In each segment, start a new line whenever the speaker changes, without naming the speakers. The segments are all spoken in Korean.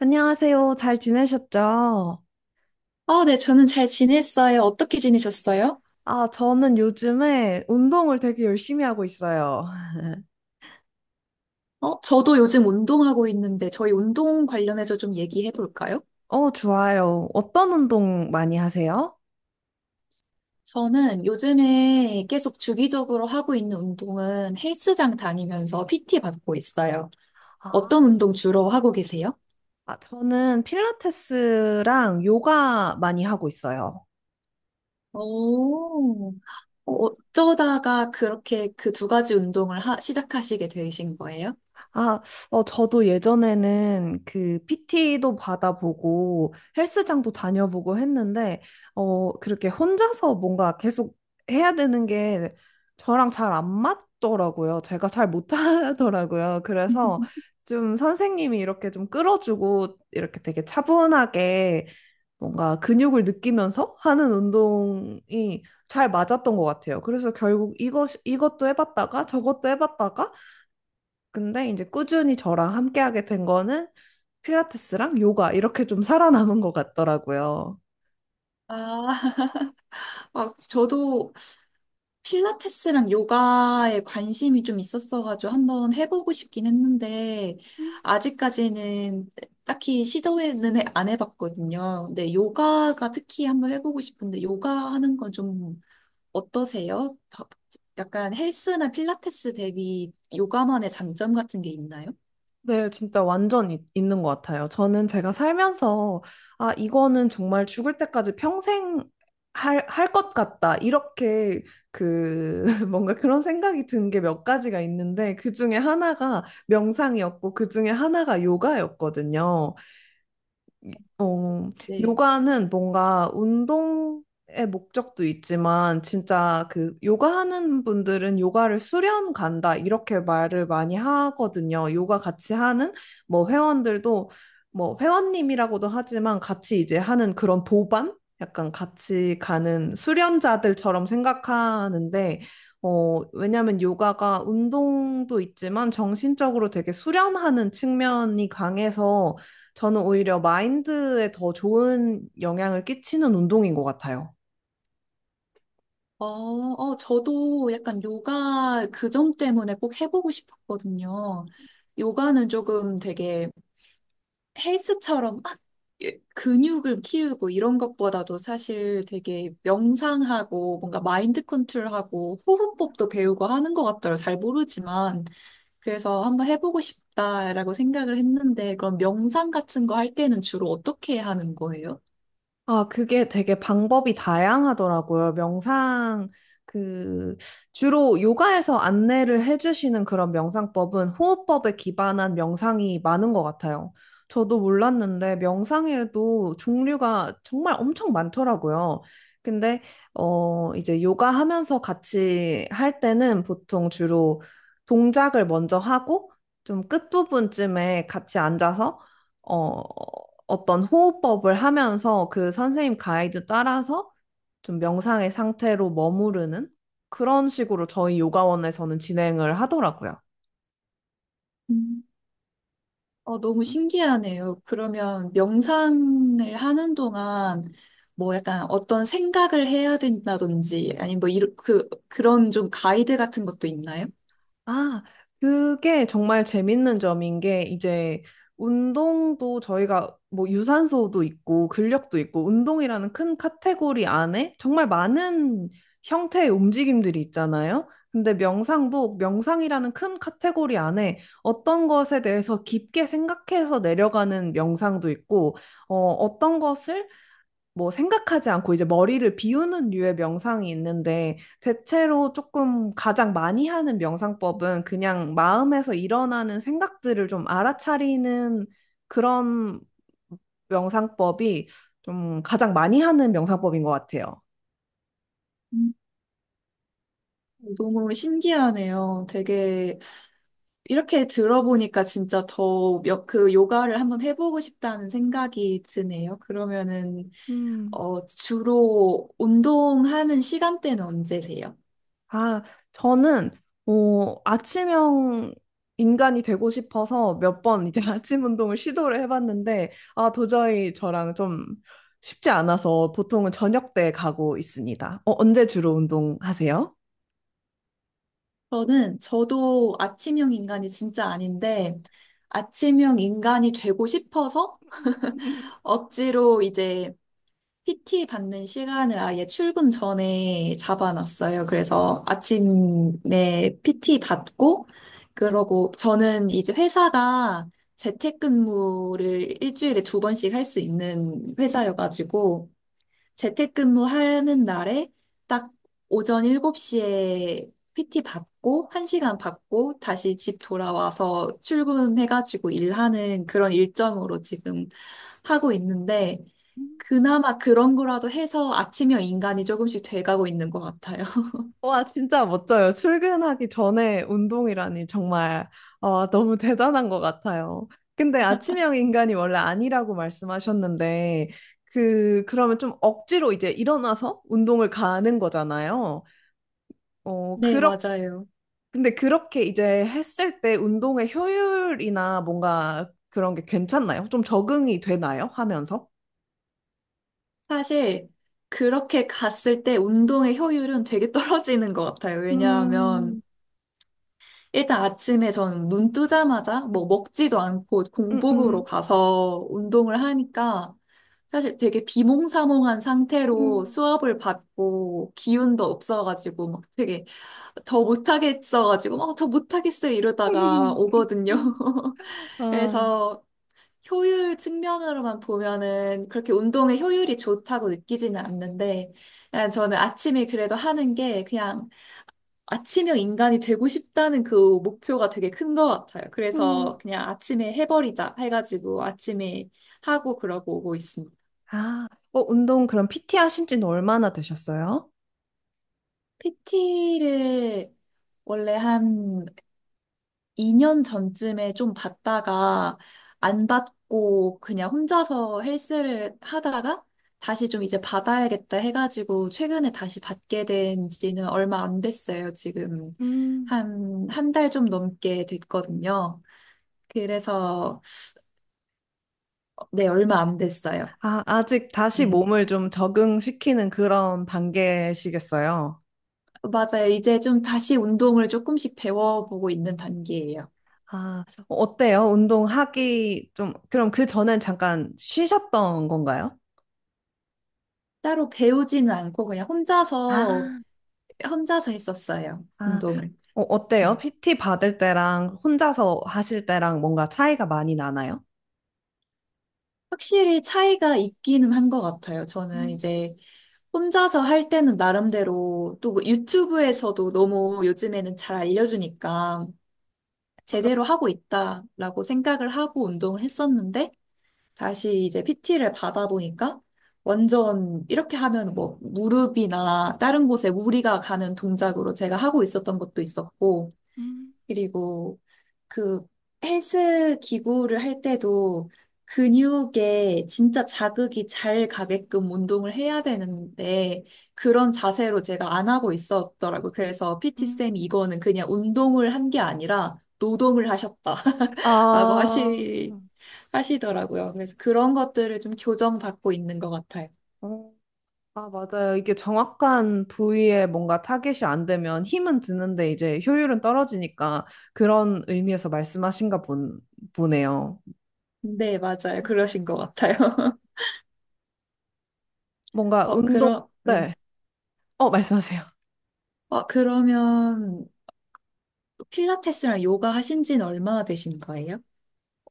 안녕하세요. 잘 지내셨죠?
아, 네, 저는 잘 지냈어요. 어떻게 지내셨어요?
아, 저는 요즘에 운동을 되게 열심히 하고 있어요.
저도 요즘 운동하고 있는데 저희 운동 관련해서 좀 얘기해 볼까요?
좋아요. 어떤 운동 많이 하세요?
저는 요즘에 계속 주기적으로 하고 있는 운동은 헬스장 다니면서 PT 받고 있어요. 어떤
아,
운동 주로 하고 계세요?
아, 저는 필라테스랑 요가 많이 하고 있어요.
오, 어쩌다가 그렇게 그 두 가지 운동을 시작하시게 되신 거예요?
아, 저도 예전에는 그 PT도 받아보고 헬스장도 다녀보고 했는데, 그렇게 혼자서 뭔가 계속 해야 되는 게 저랑 잘 안 맞더라고요. 제가 잘 못하더라고요. 그래서 좀 선생님이 이렇게 좀 끌어주고 이렇게 되게 차분하게 뭔가 근육을 느끼면서 하는 운동이 잘 맞았던 것 같아요. 그래서 결국 이것도 해봤다가 저것도 해봤다가 근데 이제 꾸준히 저랑 함께하게 된 거는 필라테스랑 요가 이렇게 좀 살아남은 것 같더라고요.
아, 아, 저도 필라테스랑 요가에 관심이 좀 있었어가지고 한번 해보고 싶긴 했는데,
음.
아직까지는 딱히 시도는 안 해봤거든요. 근데 요가가 특히 한번 해보고 싶은데, 요가 하는 건 좀 어떠세요? 약간 헬스나 필라테스 대비 요가만의 장점 같은 게 있나요?
네, 진짜 완전 있는 것 같아요. 저는 제가 살면서, 이거는 정말 죽을 때까지 평생 할 것 같다. 이렇게 그, 뭔가 그런 생각이 든 게 몇 가지가 있는데, 그 중에 하나가 명상이었고, 그 중에 하나가 요가였거든요. 어,
네.
요가는 뭔가 운동의 목적도 있지만 진짜 그 요가하는 분들은 요가를 수련 간다 이렇게 말을 많이 하거든요. 요가 같이 하는 뭐 회원들도 뭐 회원님이라고도 하지만 같이 이제 하는 그런 도반? 약간 같이 가는 수련자들처럼 생각하는데 왜냐면 요가가 운동도 있지만 정신적으로 되게 수련하는 측면이 강해서 저는 오히려 마인드에 더 좋은 영향을 끼치는 운동인 것 같아요.
저도 약간 요가 그 점 때문에 꼭 해보고 싶었거든요. 요가는 조금 되게 헬스처럼 막 예, 근육을 키우고 이런 것보다도 사실 되게 명상하고 뭔가 마인드 컨트롤하고 호흡법도 배우고 하는 것 같더라고요. 잘 모르지만. 그래서 한번 해보고 싶다라고 생각을 했는데 그럼 명상 같은 거 할 때는 주로 어떻게 하는 거예요?
아, 그게 되게 방법이 다양하더라고요. 명상, 그, 주로 요가에서 안내를 해주시는 그런 명상법은 호흡법에 기반한 명상이 많은 것 같아요. 저도 몰랐는데 명상에도 종류가 정말 엄청 많더라고요. 근데, 이제 요가 하면서 같이 할 때는 보통 주로 동작을 먼저 하고 좀 끝부분쯤에 같이 앉아서 어, 어떤 호흡법을 하면서 그 선생님 가이드 따라서 좀 명상의 상태로 머무르는 그런 식으로 저희 요가원에서는 진행을 하더라고요.
음. 너무 신기하네요. 그러면 명상을 하는 동안 뭐 약간 어떤 생각을 해야 된다든지 아니면 뭐 이런 그런 좀 가이드 같은 것도 있나요?
아, 그게 정말 재밌는 점인 게 이제 운동도 저희가 뭐 유산소도 있고 근력도 있고 운동이라는 큰 카테고리 안에 정말 많은 형태의 움직임들이 있잖아요. 근데 명상도 명상이라는 큰 카테고리 안에 어떤 것에 대해서 깊게 생각해서 내려가는 명상도 있고, 어떤 것을 뭐 생각하지 않고 이제 머리를 비우는 류의 명상이 있는데 대체로 조금 가장 많이 하는 명상법은 그냥 마음에서 일어나는 생각들을 좀 알아차리는 그런 명상법이 좀 가장 많이 하는 명상법인 것 같아요.
너무 신기하네요. 되게 이렇게 들어보니까 진짜 더 그 요가를 한번 해보고 싶다는 생각이 드네요. 그러면은
음.
주로 운동하는 시간대는 언제세요?
아, 저는 아침형 인간이 되고 싶어서 몇 번 이제 아침 운동을 시도를 해봤는데 도저히 저랑 좀 쉽지 않아서 보통은 저녁 때 가고 있습니다. 언제 주로 운동하세요?
저는 저도 아침형 인간이 진짜 아닌데 아침형 인간이 되고 싶어서 억지로 이제 PT 받는 시간을 아예 출근 전에 잡아놨어요. 그래서 아침에 PT 받고, 그러고 저는 이제 회사가 재택근무를 일주일에 두 번씩 할 수 있는 회사여가지고, 재택근무 하는 날에 딱 오전 7시에 PT 받고, 1시간 받고, 다시 집 돌아와서 출근해가지고 일하는 그런 일정으로 지금 하고 있는데, 그나마 그런 거라도 해서 아침형 인간이 조금씩 돼가고 있는 것 같아요.
와, 진짜 멋져요. 출근하기 전에 운동이라니 정말 너무 대단한 것 같아요. 근데 아침형 인간이 원래 아니라고 말씀하셨는데, 그러면 좀 억지로 이제 일어나서 운동을 가는 거잖아요. 어,
네,
그렇,
맞아요.
근데 그렇게 이제 했을 때 운동의 효율이나 뭔가 그런 게 괜찮나요? 좀 적응이 되나요? 하면서?
사실 그렇게 갔을 때 운동의 효율은 되게 떨어지는 것 같아요.
음,
왜냐하면 일단 아침에 저는 눈 뜨자마자 뭐 먹지도 않고
음, 음,
공복으로 가서 운동을 하니까 사실 되게 비몽사몽한 상태로
음.
수업을 받고 기운도 없어가지고 막 되게 더 못하겠어가지고 막 더 못하겠어요 이러다가 오거든요.
아,
그래서 효율 측면으로만 보면은 그렇게 운동의 효율이 좋다고 느끼지는 않는데 그냥 저는 아침에 그래도 하는 게 그냥 아침형 인간이 되고 싶다는 그 목표가 되게 큰 것 같아요. 그래서
음.
그냥 아침에 해버리자 해가지고 아침에 하고 그러고 오고 있습니다.
아, 운동 그럼 PT 하신 지는 얼마나 되셨어요?
PT를 원래 한 2년 전쯤에 좀 받다가 안 받고 그냥 혼자서 헬스를 하다가 다시 좀 이제 받아야겠다 해가지고 최근에 다시 받게 된 지는 얼마 안 됐어요. 지금
음.
한 달 좀 넘게 됐거든요. 그래서 네, 얼마 안 됐어요.
아, 아직 다시
네.
몸을 좀 적응시키는 그런 단계시겠어요?
맞아요. 이제 좀 다시 운동을 조금씩 배워보고 있는 단계예요.
아, 어때요? 운동하기 좀, 그럼 그 전엔 잠깐 쉬셨던 건가요?
따로 배우지는 않고 그냥 혼자서,
아,
혼자서 했었어요.
아,
운동을.
어때요?
네.
PT 받을 때랑 혼자서 하실 때랑 뭔가 차이가 많이 나나요?
확실히 차이가 있기는 한 것 같아요. 저는
음,
이제 혼자서 할 때는 나름대로 또그 유튜브에서도 너무 요즘에는 잘 알려주니까
맞아.
제대로 하고 있다라고 생각을 하고 운동을 했었는데 다시 이제 PT를 받아보니까 완전 이렇게 하면 뭐 무릎이나 다른 곳에 무리가 가는 동작으로 제가 하고 있었던 것도 있었고,
음,
그리고 그 헬스 기구를 할 때도 근육에 진짜 자극이 잘 가게끔 운동을 해야 되는데 그런 자세로 제가 안 하고 있었더라고요. 그래서
음.
PT쌤이 이거는 그냥 운동을 한 게 아니라 노동을 하셨다라고
아, 음.
하시더라고요. 그래서 그런 것들을 좀 교정받고 있는 것 같아요.
어, 아, 맞아요. 이게 정확한 부위에 뭔가 타겟이 안 되면 힘은 드는데 이제 효율은 떨어지니까 그런 의미에서 말씀하신가 보네요.
네, 맞아요. 그러신 것 같아요.
뭔가 운동,
네.
네. 말씀하세요.
그러면 필라테스랑 요가 하신 지는 얼마나 되신 거예요?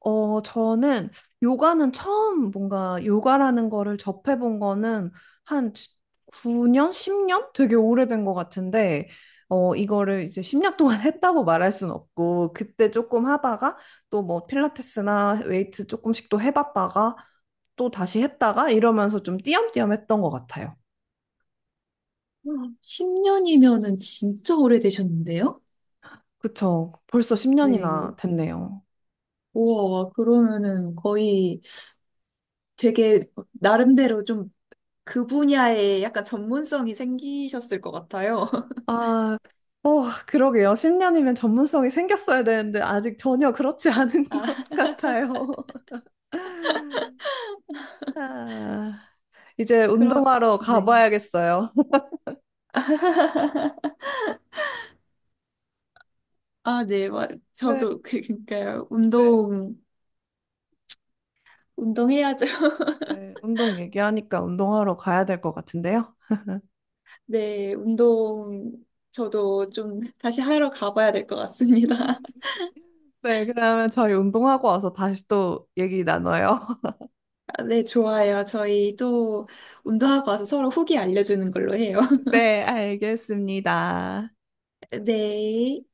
저는 요가는 처음 뭔가 요가라는 거를 접해본 거는 한 9년, 10년? 되게 오래된 것 같은데, 이거를 이제 10년 동안 했다고 말할 순 없고, 그때 조금 하다가 또 뭐 필라테스나 웨이트 조금씩 또 해봤다가 또 다시 했다가 이러면서 좀 띄엄띄엄 했던 것 같아요.
10년이면은 진짜 오래되셨는데요?
그쵸. 벌써 10년이나
네.
됐네요.
우와, 와, 그러면은 거의 되게 나름대로 좀 그 분야에 약간 전문성이 생기셨을 것 같아요.
아, 어, 그러게요. 10년이면 전문성이 생겼어야 되는데 아직 전혀 그렇지 않은 것
아,
같아요. 아, 이제
그럼,
운동하러
네.
가봐야겠어요.
아, 네. 와,
네,
저도 그러니까요.
네.
운동해야죠.
네, 운동 얘기하니까 운동하러 가야 될 것 같은데요.
네, 운동 저도 좀 다시 하러 가봐야 될 것 같습니다.
네, 그러면 저희 운동하고 와서 다시 또 얘기 나눠요.
아, 네, 좋아요. 저희 또 운동하고 와서 서로 후기 알려주는 걸로 해요.
네, 알겠습니다.
네.